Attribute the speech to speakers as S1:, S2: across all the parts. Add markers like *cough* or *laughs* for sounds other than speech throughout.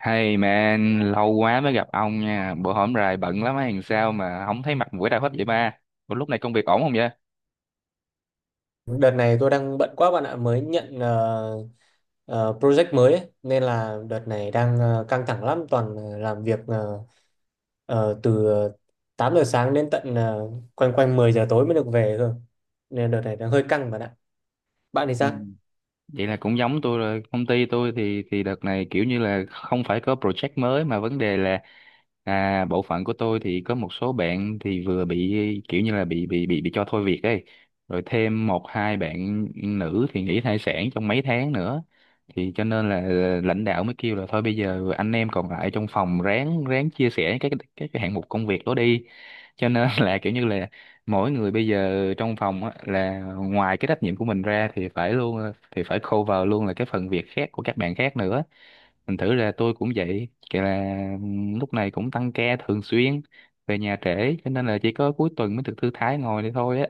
S1: Hey man, lâu quá mới gặp ông nha. Bữa hổm rày bận lắm hay làm sao mà không thấy mặt mũi đâu hết vậy ba. Ủa lúc này công việc ổn không vậy?
S2: Đợt này tôi đang bận quá bạn ạ, mới nhận project mới ấy. Nên là đợt này đang căng thẳng lắm, toàn làm việc từ 8 giờ sáng đến tận quanh quanh 10 giờ tối mới được về cơ. Nên đợt này đang hơi căng bạn ạ. Bạn thì sao?
S1: Vậy là cũng giống tôi rồi, công ty tôi thì đợt này kiểu như là không phải có project mới, mà vấn đề là, à, bộ phận của tôi thì có một số bạn thì vừa bị kiểu như là bị cho thôi việc ấy, rồi thêm một hai bạn nữ thì nghỉ thai sản trong mấy tháng nữa, thì cho nên là lãnh đạo mới kêu là thôi bây giờ anh em còn lại trong phòng ráng ráng chia sẻ các cái hạng mục công việc đó đi, cho nên *laughs* là kiểu như là mỗi người bây giờ trong phòng á, là ngoài cái trách nhiệm của mình ra thì phải cover luôn là cái phần việc khác của các bạn khác nữa. Thành thử là tôi cũng vậy, kể là lúc này cũng tăng ca thường xuyên, về nhà trễ, cho nên là chỉ có cuối tuần mới được thư thái ngồi đây thôi á.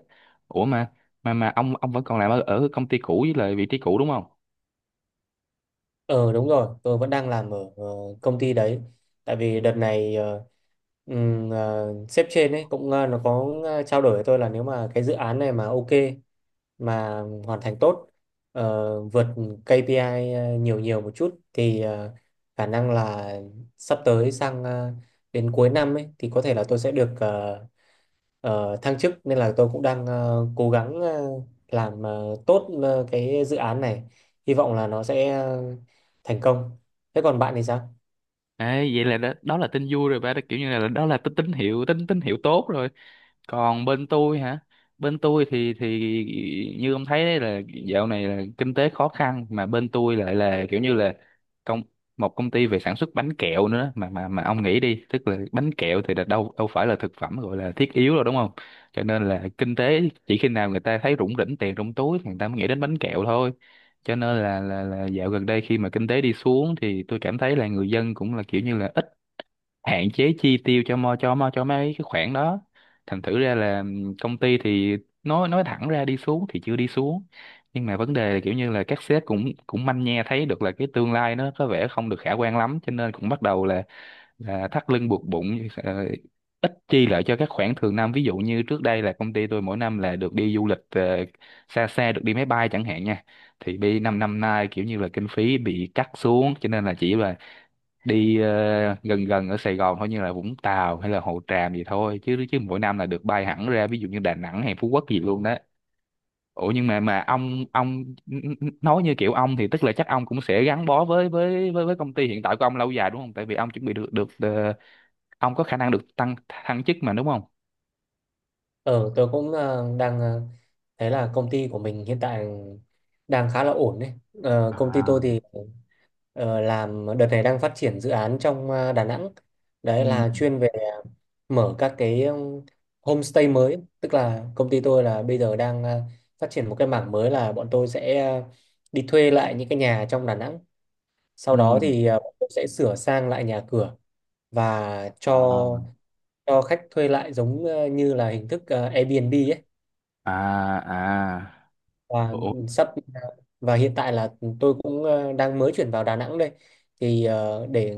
S1: Ủa mà ông vẫn còn làm ở công ty cũ với lại vị trí cũ đúng không?
S2: Ờ đúng rồi, tôi vẫn đang làm ở công ty đấy. Tại vì đợt này sếp trên ấy cũng nó có trao đổi với tôi là nếu mà cái dự án này mà ok mà hoàn thành tốt, vượt KPI nhiều nhiều một chút thì khả năng là sắp tới sang đến cuối năm ấy thì có thể là tôi sẽ được thăng chức. Nên là tôi cũng đang cố gắng làm tốt cái dự án này, hy vọng là nó sẽ thành công. Thế còn bạn thì sao?
S1: Ê, vậy là đó là tin vui rồi ba đó, kiểu như là đó là tín tín hiệu tốt rồi. Còn bên tôi hả? Bên tôi thì như ông thấy đấy, là dạo này là kinh tế khó khăn, mà bên tôi lại là kiểu như là công một công ty về sản xuất bánh kẹo nữa, mà ông nghĩ đi, tức là bánh kẹo thì là đâu đâu phải là thực phẩm gọi là thiết yếu rồi đúng không? Cho nên là kinh tế, chỉ khi nào người ta thấy rủng rỉnh tiền trong túi thì người ta mới nghĩ đến bánh kẹo thôi. Cho nên là dạo gần đây, khi mà kinh tế đi xuống, thì tôi cảm thấy là người dân cũng là kiểu như là ít, hạn chế chi tiêu cho mấy cái khoản đó. Thành thử ra là công ty thì nói thẳng ra, đi xuống thì chưa đi xuống, nhưng mà vấn đề là kiểu như là các sếp cũng cũng manh nha thấy được là cái tương lai nó có vẻ không được khả quan lắm, cho nên cũng bắt đầu là thắt lưng buộc bụng, ít chi lại cho các khoản thường năm, ví dụ như trước đây là công ty tôi mỗi năm là được đi du lịch, xa xa, được đi máy bay chẳng hạn nha. Thì đi năm năm nay kiểu như là kinh phí bị cắt xuống cho nên là chỉ là đi, gần gần ở Sài Gòn thôi, như là Vũng Tàu hay là Hồ Tràm gì thôi, chứ chứ mỗi năm là được bay hẳn ra ví dụ như Đà Nẵng hay Phú Quốc gì luôn đó. Ủa nhưng mà ông nói như kiểu ông thì tức là chắc ông cũng sẽ gắn bó với công ty hiện tại của ông lâu dài đúng không, tại vì ông chuẩn bị được được ờ, ông có khả năng được thăng chức mà đúng không?
S2: Ờ, tôi cũng đang thấy là công ty của mình hiện tại đang khá là ổn đấy. Ờ, công ty tôi
S1: À.
S2: thì làm đợt này đang phát triển dự án trong Đà Nẵng. Đấy
S1: Ừ,
S2: là chuyên về mở các cái homestay mới. Tức là công ty tôi là bây giờ đang phát triển một cái mảng mới là bọn tôi sẽ đi thuê lại những cái nhà trong Đà Nẵng. Sau
S1: ừ.
S2: đó thì bọn tôi sẽ sửa sang lại nhà cửa và
S1: À,
S2: cho khách thuê lại giống như là hình thức Airbnb ấy.
S1: à, à.
S2: và
S1: Ủa.
S2: sắp và hiện tại là tôi cũng đang mới chuyển vào Đà Nẵng đây, thì để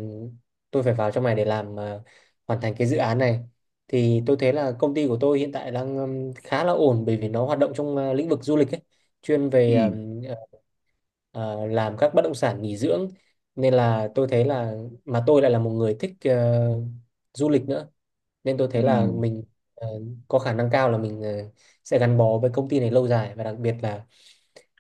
S2: tôi phải vào trong này để làm, hoàn thành cái dự án này. Thì tôi thấy là công ty của tôi hiện tại đang khá là ổn bởi vì nó hoạt động trong lĩnh vực du lịch ấy, chuyên
S1: Ừ,
S2: về ờ, làm các bất động sản nghỉ dưỡng. Nên là tôi thấy là mà tôi lại là một người thích du lịch nữa, nên tôi thấy
S1: ừ,
S2: Ừ là mình ờ, có khả năng cao là mình sẽ gắn bó với công ty này lâu dài. Và đặc biệt là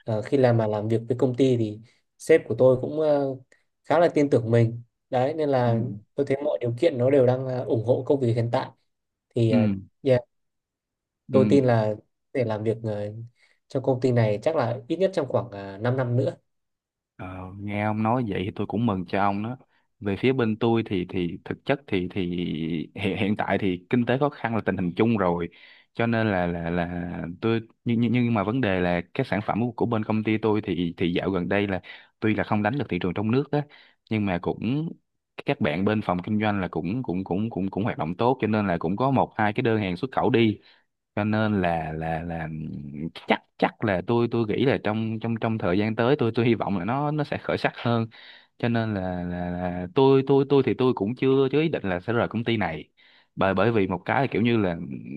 S2: khi làm mà làm việc với công ty thì sếp của tôi cũng khá là tin tưởng mình. Đấy nên
S1: ừ,
S2: là tôi thấy mọi điều kiện nó đều đang ủng hộ công việc hiện tại. Thì
S1: ừ,
S2: yeah,
S1: ừ.
S2: tôi tin là để làm việc trong công ty này chắc là ít nhất trong khoảng 5 năm nữa.
S1: Ờ, nghe ông nói vậy thì tôi cũng mừng cho ông đó. Về phía bên tôi thì thực chất thì hiện hiện tại thì kinh tế khó khăn là tình hình chung rồi. Cho nên là nhưng mà vấn đề là các sản phẩm của bên công ty tôi thì dạo gần đây là tuy là không đánh được thị trường trong nước á, nhưng mà cũng các bạn bên phòng kinh doanh là cũng cũng cũng cũng cũng hoạt động tốt, cho nên là cũng có một hai cái đơn hàng xuất khẩu đi. Cho nên là chắc chắc là tôi nghĩ là trong trong trong thời gian tới, tôi hy vọng là nó sẽ khởi sắc hơn. Cho nên là tôi thì tôi cũng chưa chưa ý định là sẽ rời công ty này. Bởi bởi vì một cái là kiểu như là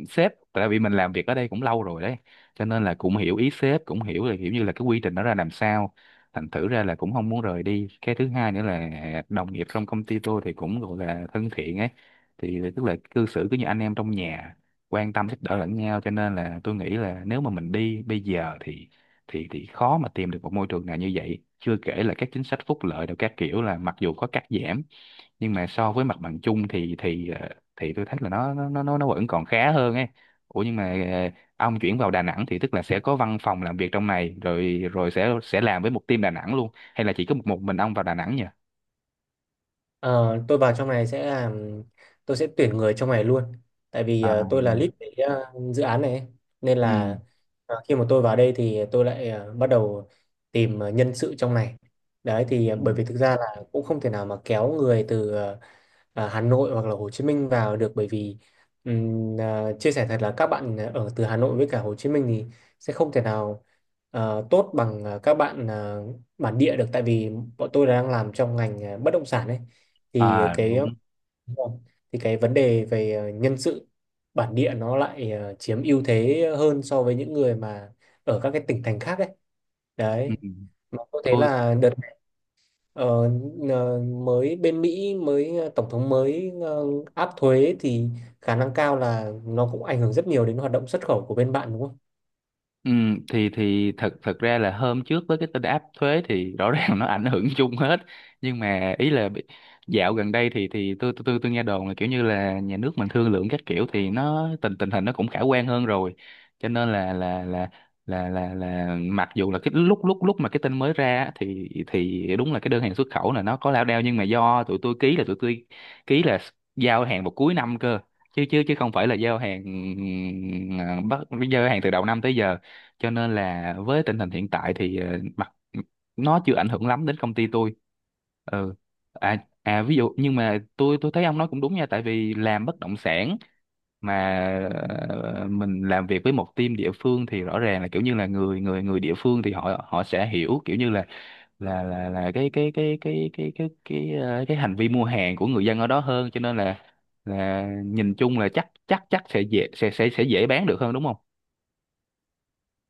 S1: sếp, tại vì mình làm việc ở đây cũng lâu rồi đấy, cho nên là cũng hiểu ý sếp, cũng hiểu là kiểu như là cái quy trình nó ra làm sao. Thành thử ra là cũng không muốn rời đi. Cái thứ hai nữa là đồng nghiệp trong công ty tôi thì cũng gọi là thân thiện ấy, thì tức là cư xử cứ như anh em trong nhà, quan tâm giúp đỡ lẫn nhau, cho nên là tôi nghĩ là nếu mà mình đi bây giờ thì thì khó mà tìm được một môi trường nào như vậy, chưa kể là các chính sách phúc lợi đều các kiểu là mặc dù có cắt giảm, nhưng mà so với mặt bằng chung thì tôi thấy là nó vẫn còn khá hơn ấy. Ủa nhưng mà, ông chuyển vào Đà Nẵng thì tức là sẽ có văn phòng làm việc trong này, rồi rồi sẽ làm với một team Đà Nẵng luôn, hay là chỉ có một mình ông vào Đà Nẵng nhỉ?
S2: Ờ, tôi vào trong này sẽ làm, tôi sẽ tuyển người trong này luôn, tại vì
S1: À,
S2: tôi là lead cái dự án này ấy. Nên
S1: ừ,
S2: là khi mà tôi vào đây thì tôi lại bắt đầu tìm nhân sự trong này. Đấy thì
S1: ừ.
S2: bởi vì thực ra là cũng không thể nào mà kéo người từ Hà Nội hoặc là Hồ Chí Minh vào được, bởi vì chia sẻ thật là các bạn ở từ Hà Nội với cả Hồ Chí Minh thì sẽ không thể nào tốt bằng các bạn bản địa được. Tại vì bọn tôi đang làm trong ngành bất động sản ấy, thì
S1: À
S2: cái
S1: đúng.
S2: đúng rồi, thì cái vấn đề về nhân sự bản địa nó lại chiếm ưu thế hơn so với những người mà ở các cái tỉnh thành khác ấy.
S1: Ừ.
S2: Đấy, mà có thể
S1: Tôi
S2: là đợt này, ờ, mới bên Mỹ mới tổng thống mới áp thuế, thì khả năng cao là nó cũng ảnh hưởng rất nhiều đến hoạt động xuất khẩu của bên bạn đúng không?
S1: Ừ, thì thật thật ra là hôm trước với cái tin áp thuế thì rõ *laughs* ràng nó ảnh hưởng chung hết, nhưng mà ý là dạo gần đây thì tôi nghe đồn là kiểu như là nhà nước mình thương lượng các kiểu thì nó tình tình hình nó cũng khả quan hơn rồi. Cho nên là mặc dù là cái lúc lúc lúc mà cái tin mới ra á, thì đúng là cái đơn hàng xuất khẩu là nó có lao đao, nhưng mà do tụi tôi ký là ký là giao hàng vào cuối năm cơ, chứ chứ chứ không phải là giao hàng, ừ, bắt giao hàng từ đầu năm tới giờ. Cho nên là với tình hình hiện tại thì mặt nó chưa ảnh hưởng lắm đến công ty tôi. Ừ. À. À, ví dụ, nhưng mà tôi thấy ông nói cũng đúng nha, tại vì làm bất động sản mà, mình làm việc với một team địa phương thì rõ ràng là kiểu như là người người người địa phương thì họ họ sẽ hiểu kiểu như là là cái hành vi mua hàng của người dân ở đó hơn, cho nên là nhìn chung là chắc chắc chắc sẽ dễ, sẽ dễ bán được hơn đúng không?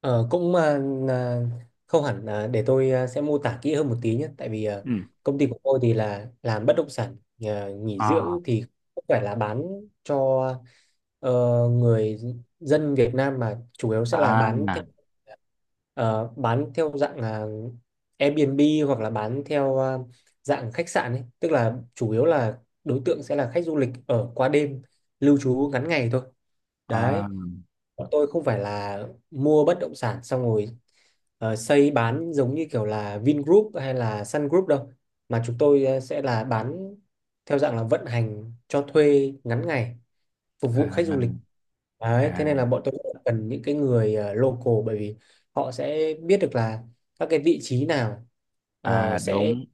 S2: Ờ, cũng à, là không hẳn, là để tôi à, sẽ mô tả kỹ hơn một tí nhé. Tại vì à,
S1: Ừ.
S2: công ty của tôi thì là làm bất động sản à, nghỉ
S1: À,
S2: dưỡng, thì không phải là bán cho ờ, người dân Việt Nam mà chủ yếu sẽ là bán theo
S1: à,
S2: ờ, bán theo dạng là Airbnb hoặc là bán theo à, dạng khách sạn ấy, tức là chủ yếu là đối tượng sẽ là khách du lịch ở qua đêm lưu trú ngắn ngày thôi. Đấy,
S1: à,
S2: bọn tôi không phải là mua bất động sản xong rồi xây bán giống như kiểu là Vingroup hay là Sun Group đâu, mà chúng tôi sẽ là bán theo dạng là vận hành cho thuê ngắn ngày phục vụ khách du
S1: à,
S2: lịch. Đấy, thế nên
S1: à,
S2: là bọn tôi rất là cần những cái người local, bởi vì họ sẽ biết được là các cái vị trí nào ờ,
S1: à.
S2: sẽ
S1: Đúng,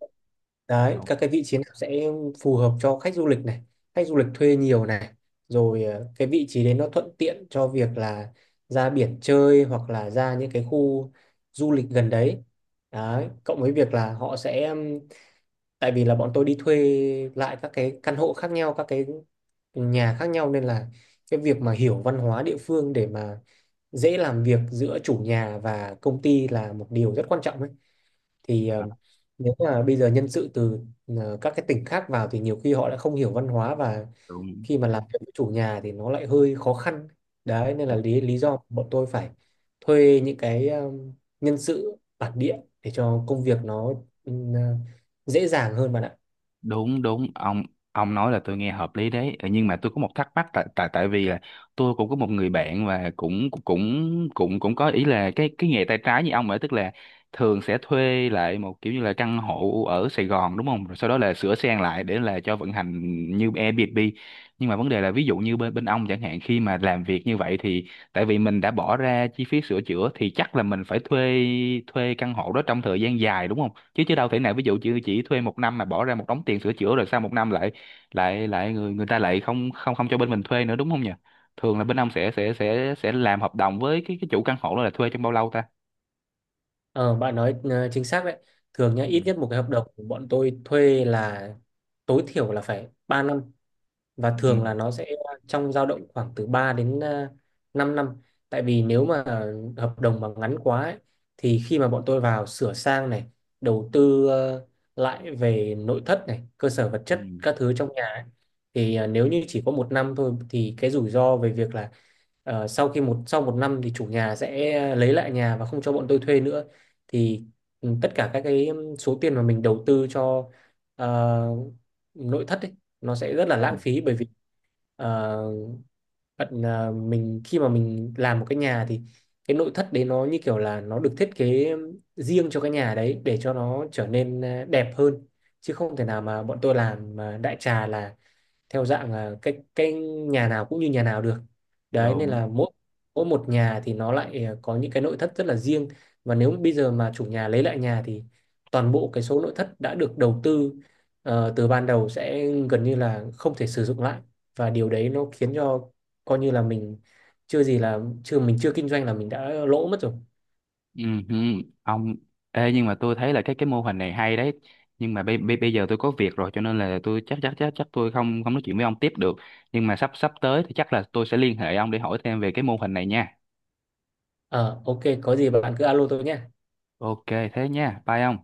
S2: đấy
S1: đúng.
S2: các cái vị trí nào sẽ phù hợp cho khách du lịch này, khách du lịch thuê nhiều này, rồi cái vị trí đấy nó thuận tiện cho việc là ra biển chơi hoặc là ra những cái khu du lịch gần đấy. Đấy, cộng với việc là họ sẽ, tại vì là bọn tôi đi thuê lại các cái căn hộ khác nhau, các cái nhà khác nhau, nên là cái việc mà hiểu văn hóa địa phương để mà dễ làm việc giữa chủ nhà và công ty là một điều rất quan trọng ấy. Thì
S1: À,
S2: nếu mà bây giờ nhân sự từ các cái tỉnh khác vào thì nhiều khi họ lại không hiểu văn hóa, và
S1: đúng,
S2: khi mà làm việc với chủ nhà thì nó lại hơi khó khăn. Đấy nên là
S1: đúng,
S2: lý lý do bọn tôi phải thuê những cái nhân sự bản địa để cho công việc nó ừ, ờ, dễ dàng hơn bạn ạ.
S1: đúng, đúng. Ông nói là tôi nghe hợp lý đấy. Ờ, nhưng mà tôi có một thắc mắc, tại tại tại vì là tôi cũng có một người bạn và cũng cũng cũng cũng có ý là cái nghề tay trái như ông ấy, tức là thường sẽ thuê lại một kiểu như là căn hộ ở Sài Gòn đúng không, rồi sau đó là sửa sang lại để là cho vận hành như Airbnb. Nhưng mà vấn đề là ví dụ như bên bên ông chẳng hạn, khi mà làm việc như vậy thì tại vì mình đã bỏ ra chi phí sửa chữa thì chắc là mình phải thuê, thuê căn hộ đó trong thời gian dài đúng không, chứ chứ đâu thể nào ví dụ chỉ thuê một năm mà bỏ ra một đống tiền sửa chữa rồi sau một năm lại lại lại người người ta lại không không không cho bên mình thuê nữa đúng không nhỉ? Thường là bên ông sẽ làm hợp đồng với cái chủ căn hộ đó là thuê trong bao lâu ta?
S2: Ờ, bạn nói chính xác đấy. Thường nhá,
S1: Ừ.
S2: ít nhất một cái hợp đồng của bọn tôi thuê là tối thiểu là phải 3 năm, và
S1: Ừ,
S2: thường là nó sẽ trong dao động khoảng từ 3 đến à, 5 năm. Tại vì nếu mà hợp đồng mà ngắn quá ấy, thì khi mà bọn tôi vào sửa sang này, đầu tư lại về nội thất này, cơ sở vật chất
S1: ừ,
S2: các thứ trong nhà ấy, thì nếu như chỉ có 1 năm thôi thì cái rủi ro về việc là sau khi 1 sau 1 năm thì chủ nhà sẽ lấy lại nhà và không cho bọn tôi thuê nữa, thì ừ, tất cả các cái số tiền mà mình đầu tư cho ờ, nội thất ấy, nó sẽ rất
S1: ừ.
S2: là
S1: Ừ.
S2: lãng phí. Bởi vì ờ, bạn à, mình khi mà mình làm một cái nhà thì cái nội thất đấy nó như kiểu là nó được thiết kế riêng cho cái nhà đấy để cho nó trở nên à, đẹp hơn, chứ không thể nào mà bọn tôi làm à, đại trà là theo dạng là cái nhà nào cũng như nhà nào được. Đấy nên
S1: Đúng.
S2: là mỗi mỗi một nhà thì nó lại à, có những cái nội thất rất là riêng, và nếu bây giờ mà chủ nhà lấy lại nhà thì toàn bộ cái số nội thất đã được đầu tư từ ban đầu sẽ gần như là không thể sử dụng lại, và điều đấy nó khiến cho coi như là mình chưa gì là chưa mình chưa kinh doanh là mình đã lỗ mất rồi.
S1: Ừ, ừ. ông Ê, nhưng mà tôi thấy là cái mô hình này hay đấy, nhưng mà bây bây bây giờ tôi có việc rồi, cho nên là tôi chắc chắc chắc chắc tôi không không nói chuyện với ông tiếp được, nhưng mà sắp sắp tới thì chắc là tôi sẽ liên hệ ông để hỏi thêm về cái mô hình này nha.
S2: Ờ ok, có gì bạn cứ alo tôi nhé.
S1: Ok, thế nha, bye ông.